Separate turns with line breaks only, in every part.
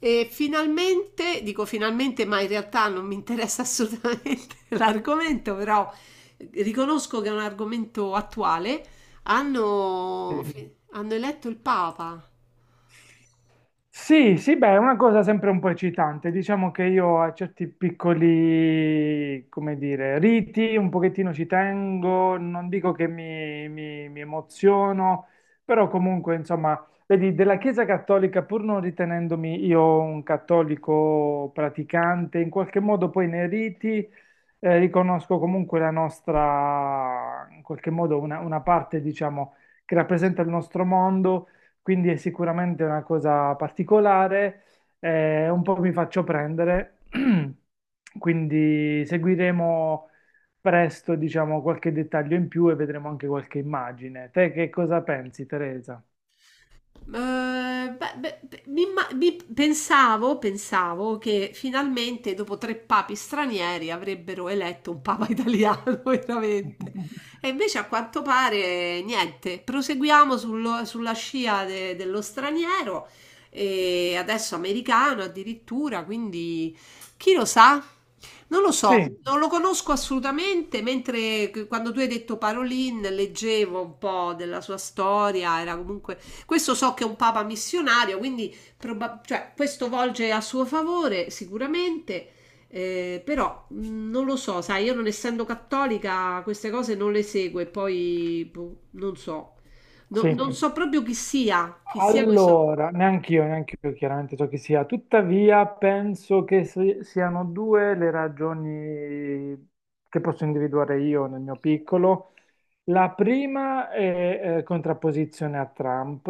E finalmente, dico finalmente, ma in realtà non mi interessa assolutamente l'argomento, però riconosco che è un argomento attuale. Hanno,
Sì.
hanno eletto il Papa.
Sì, sì, beh, è una cosa sempre un po' eccitante. Diciamo che io a certi piccoli, come dire, riti un pochettino ci tengo, non dico che mi emoziono, però comunque, insomma, vedi, della Chiesa Cattolica, pur non ritenendomi io un cattolico praticante, in qualche modo poi nei riti riconosco comunque la nostra, in qualche modo, una parte, diciamo, che rappresenta il nostro mondo, quindi è sicuramente una cosa particolare, un po' mi faccio prendere, quindi seguiremo presto, diciamo, qualche dettaglio in più e vedremo anche qualche immagine. Te che cosa pensi, Teresa?
Pensavo, pensavo che finalmente dopo tre papi stranieri avrebbero eletto un papa italiano, veramente. E invece a quanto pare niente. Sulla scia dello straniero e adesso americano addirittura, quindi chi lo sa? Non lo
Sì,
so, non lo conosco assolutamente, quando tu hai detto Parolin leggevo un po' della sua storia, era comunque questo so che è un papa missionario, quindi cioè, questo volge a suo favore sicuramente, però non lo so, sai, io non essendo cattolica queste cose non le seguo e poi boh, non so,
sì.
non so proprio chi sia questo.
Allora, neanche io chiaramente so chi sia, tuttavia penso che siano due le ragioni che posso individuare io nel mio piccolo. La prima è contrapposizione a Trump,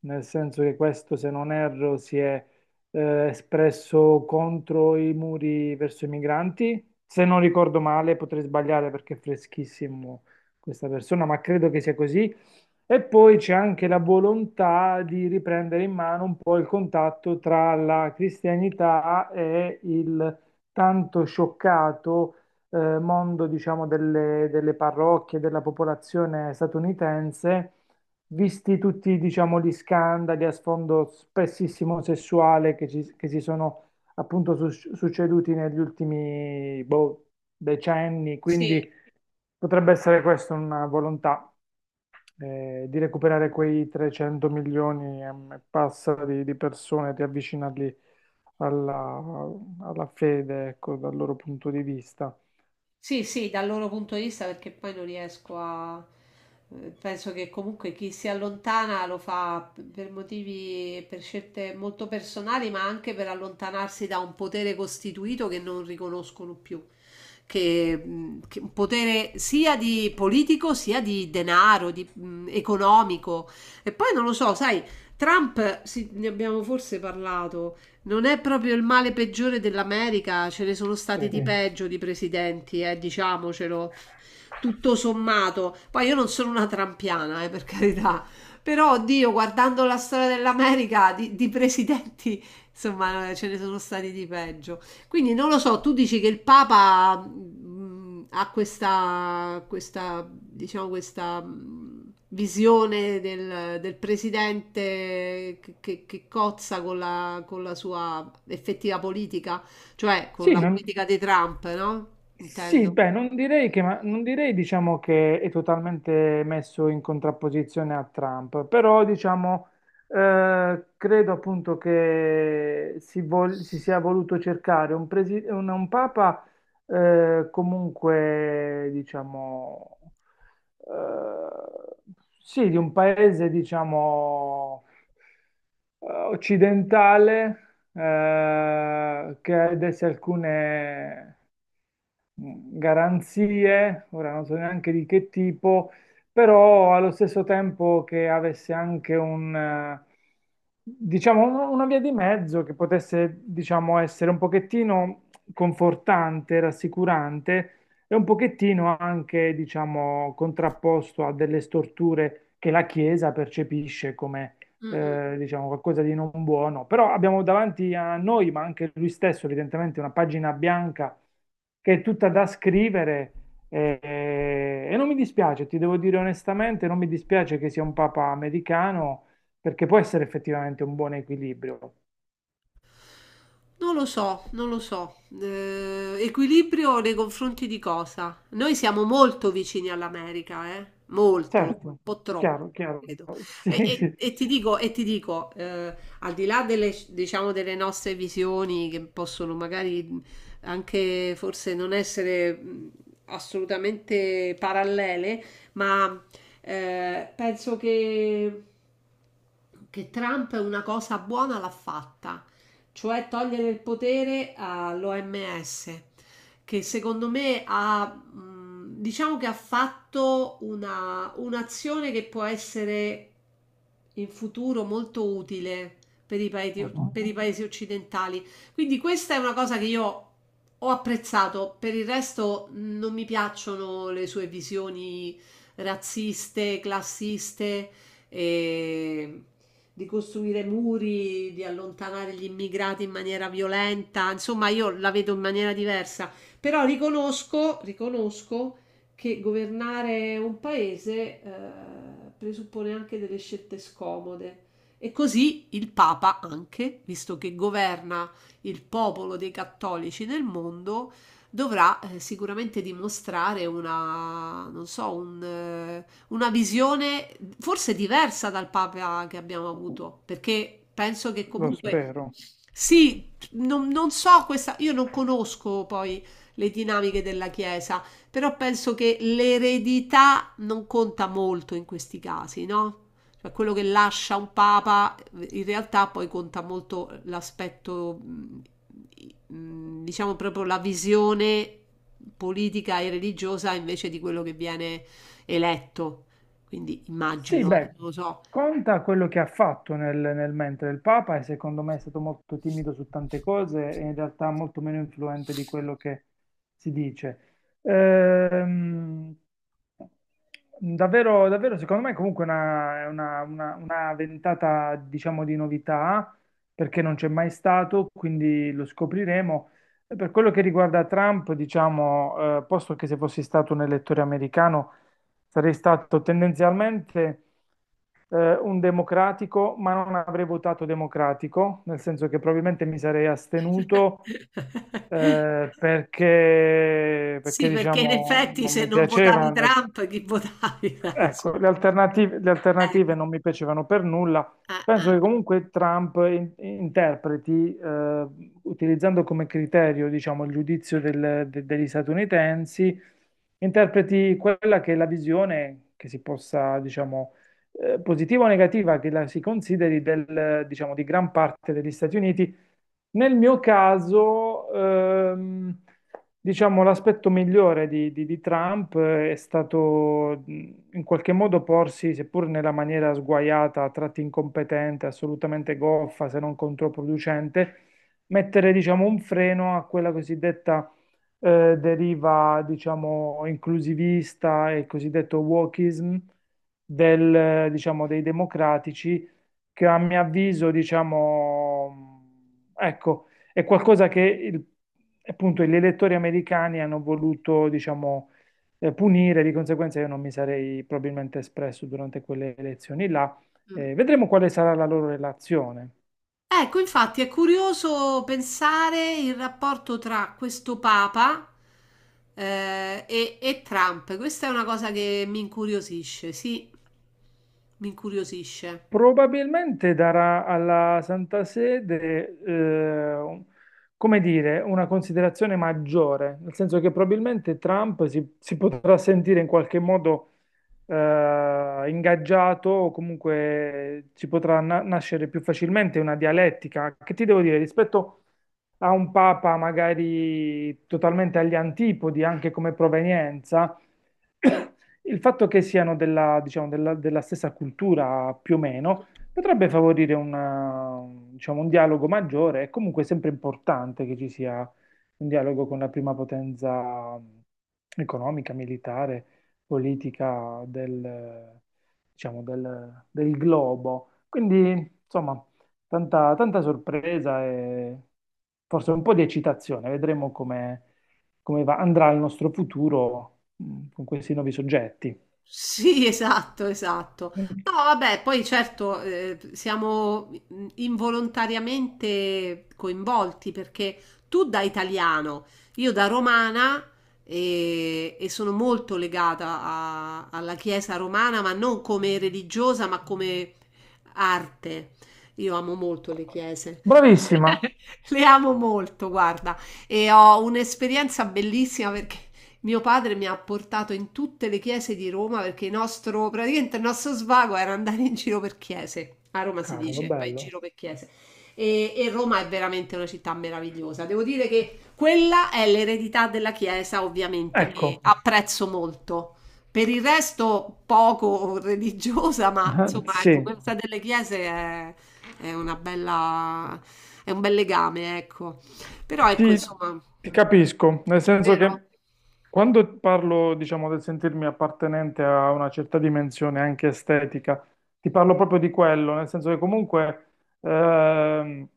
nel senso che questo, se non erro, si è espresso contro i muri verso i migranti. Se non ricordo male, potrei sbagliare perché è freschissimo questa persona, ma credo che sia così. E poi c'è anche la volontà di riprendere in mano un po' il contatto tra la cristianità e il tanto scioccato mondo, diciamo, delle parrocchie, della popolazione statunitense, visti tutti, diciamo, gli scandali a sfondo spessissimo sessuale che si sono appunto succeduti negli ultimi boh, decenni.
Sì.
Quindi potrebbe essere questa una volontà di recuperare quei 300 milioni e passa di persone, di avvicinarli alla, alla fede, ecco, dal loro punto di vista.
Sì, sì, dal loro punto di vista perché poi non riesco a... Penso che comunque chi si allontana lo fa per motivi, per scelte molto personali, ma anche per allontanarsi da un potere costituito che non riconoscono più, che un potere sia di politico sia di denaro, di, economico. E poi non lo so, sai, Trump, sì, ne abbiamo forse parlato, non è proprio il male peggiore dell'America, ce ne sono
Sì.
stati di peggio di presidenti, diciamocelo tutto sommato. Poi io non sono una trampiana, per carità. Però, oddio, guardando la storia dell'America, di presidenti, insomma, ce ne sono stati di peggio. Quindi non lo so, tu dici che il Papa ha questa, questa, diciamo, questa visione del, del presidente che, che cozza con la sua effettiva politica, cioè con
Sì,
la
non-
politica di Trump, no?
Sì,
Intendo.
beh, non direi, diciamo, che è totalmente messo in contrapposizione a Trump, però diciamo, credo appunto che si sia voluto cercare un papa comunque, diciamo, eh, sì, di un paese, diciamo, occidentale che ha desse alcune garanzie, ora non so neanche di che tipo, però allo stesso tempo che avesse anche un, diciamo, una via di mezzo che potesse, diciamo, essere un pochettino confortante, rassicurante e un pochettino anche, diciamo, contrapposto a delle storture che la Chiesa percepisce come
Mm, mm.
diciamo qualcosa di non buono, però abbiamo davanti a noi, ma anche lui stesso, evidentemente una pagina bianca che è tutta da scrivere e, e non mi dispiace, ti devo dire onestamente, non mi dispiace che sia un papa americano perché può essere effettivamente un buon equilibrio.
Non lo so, non lo so. Equilibrio nei confronti di cosa? Noi siamo molto vicini all'America, eh? Molto, un
Certo,
po' troppo,
chiaro, chiaro.
credo. E,
Sì, sì.
e ti dico al di là delle, diciamo, delle nostre visioni che possono magari anche forse non essere assolutamente parallele, ma penso che Trump una cosa buona l'ha fatta, cioè togliere il potere all'OMS, che secondo me ha, diciamo che ha fatto una, un'azione che può essere in futuro molto utile per paesi,
Mhm.
per i paesi occidentali. Quindi questa è una cosa che io ho apprezzato, per il resto non mi piacciono le sue visioni razziste, classiste. E di costruire muri, di allontanare gli immigrati in maniera violenta, insomma io la vedo in maniera diversa, però riconosco, riconosco che governare un paese presuppone anche delle scelte scomode. E così il Papa anche, visto che governa il popolo dei cattolici nel mondo, dovrà sicuramente dimostrare una, non so, un, una visione forse diversa dal Papa che abbiamo avuto, perché penso che
Lo
comunque
spero.
sì, non, non so questa, io non conosco poi le dinamiche della Chiesa, però penso che l'eredità non conta molto in questi casi, no? Cioè quello che lascia un papa, in realtà poi conta molto l'aspetto, mm, diciamo proprio la visione politica e religiosa invece di quello che viene eletto. Quindi
Sì,
immagino, non
beh,
lo so.
conta quello che ha fatto nel, nel mentre il Papa e secondo me è stato molto timido su tante cose e in realtà molto meno influente di quello che si dice. Ehm, davvero, davvero, secondo me comunque è una, una ventata, diciamo, di novità perché non c'è mai stato, quindi lo scopriremo. E per quello che riguarda Trump, diciamo, posto che se fossi stato un elettore americano, sarei stato tendenzialmente un democratico, ma non avrei votato democratico, nel senso che probabilmente mi sarei astenuto perché,
Sì, perché in
diciamo,
effetti
non
se
mi
non votavi
piaceva.
Trump, chi votavi? Dai, su.
Ecco, le alternative
Ecco.
non mi piacevano per nulla.
Ah, ah.
Penso che comunque Trump interpreti, utilizzando come criterio, diciamo, il giudizio degli statunitensi, interpreti quella che è la visione che si possa, diciamo, positiva o negativa che la si consideri del, diciamo, di gran parte degli Stati Uniti nel mio caso, diciamo, l'aspetto migliore di Trump è stato in qualche modo porsi, seppur nella maniera sguaiata, a tratti incompetente, assolutamente goffa, se non controproducente, mettere, diciamo, un freno a quella cosiddetta deriva, diciamo, inclusivista e il cosiddetto wokeism del, diciamo, dei democratici che a mio avviso, diciamo, ecco, è qualcosa che appunto gli elettori americani hanno voluto, diciamo, punire, di conseguenza io non mi sarei probabilmente espresso durante quelle elezioni là.
Mm.
Vedremo quale sarà la loro relazione.
Ecco, infatti è curioso pensare il rapporto tra questo Papa e Trump. Questa è una cosa che mi incuriosisce.
Probabilmente darà alla Santa Sede, come dire, una considerazione maggiore, nel senso che probabilmente Trump si potrà sentire in qualche modo ingaggiato o comunque ci potrà nascere più facilmente una dialettica, che ti devo dire, rispetto a un papa magari totalmente agli antipodi, anche come provenienza, il fatto che siano della, diciamo, della stessa cultura più o meno potrebbe favorire diciamo, un dialogo maggiore. È comunque sempre importante che ci sia un dialogo con la prima potenza economica, militare, politica del, diciamo, del globo. Quindi, insomma, tanta sorpresa e forse un po' di eccitazione. Vedremo come, andrà il nostro futuro con questi nuovi soggetti.
Sì, esatto, esatto.
Mm.
No, vabbè, poi certo, siamo involontariamente coinvolti perché tu da italiano, io da romana e sono molto legata alla Chiesa romana, ma non come religiosa, ma come arte. Io amo molto le chiese.
Bravissima!
Le amo molto, guarda, e ho un'esperienza bellissima perché mio padre mi ha portato in tutte le chiese di Roma perché il nostro, praticamente il nostro svago era andare in giro per chiese. A Roma si
Cavolo,
dice, vai in
bello.
giro per chiese. E Roma è veramente una città meravigliosa. Devo dire che quella è l'eredità della Chiesa, ovviamente, che
Ecco,
apprezzo molto. Per il resto, poco religiosa, ma insomma, ecco,
sì.
questa delle chiese è una bella, è un bel legame, ecco. Però ecco,
Ti,
insomma,
ti capisco, nel senso che quando parlo, diciamo, del sentirmi appartenente a una certa dimensione anche estetica, ti parlo proprio di quello, nel senso che comunque ehm,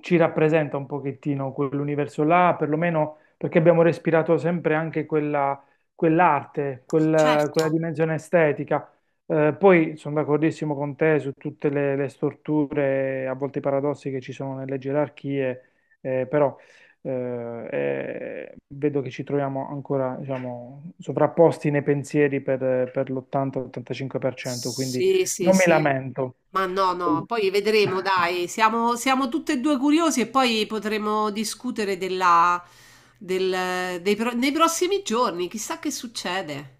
ci rappresenta un pochettino quell'universo là, perlomeno perché abbiamo respirato sempre anche quella, quell'arte, quella dimensione estetica. Poi sono d'accordissimo con te su tutte le storture, a volte i paradossi che ci sono nelle gerarchie, però e vedo che ci troviamo ancora, diciamo, sovrapposti nei pensieri per l'80-85%, quindi
sì, sì,
non mi
sì.
lamento.
Ma no, no, poi vedremo, dai, siamo, siamo tutte e due curiosi e poi potremo discutere della, del, nei prossimi giorni, chissà che succede.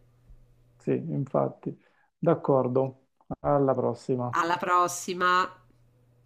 Sì, infatti. D'accordo. Alla prossima.
Alla prossima.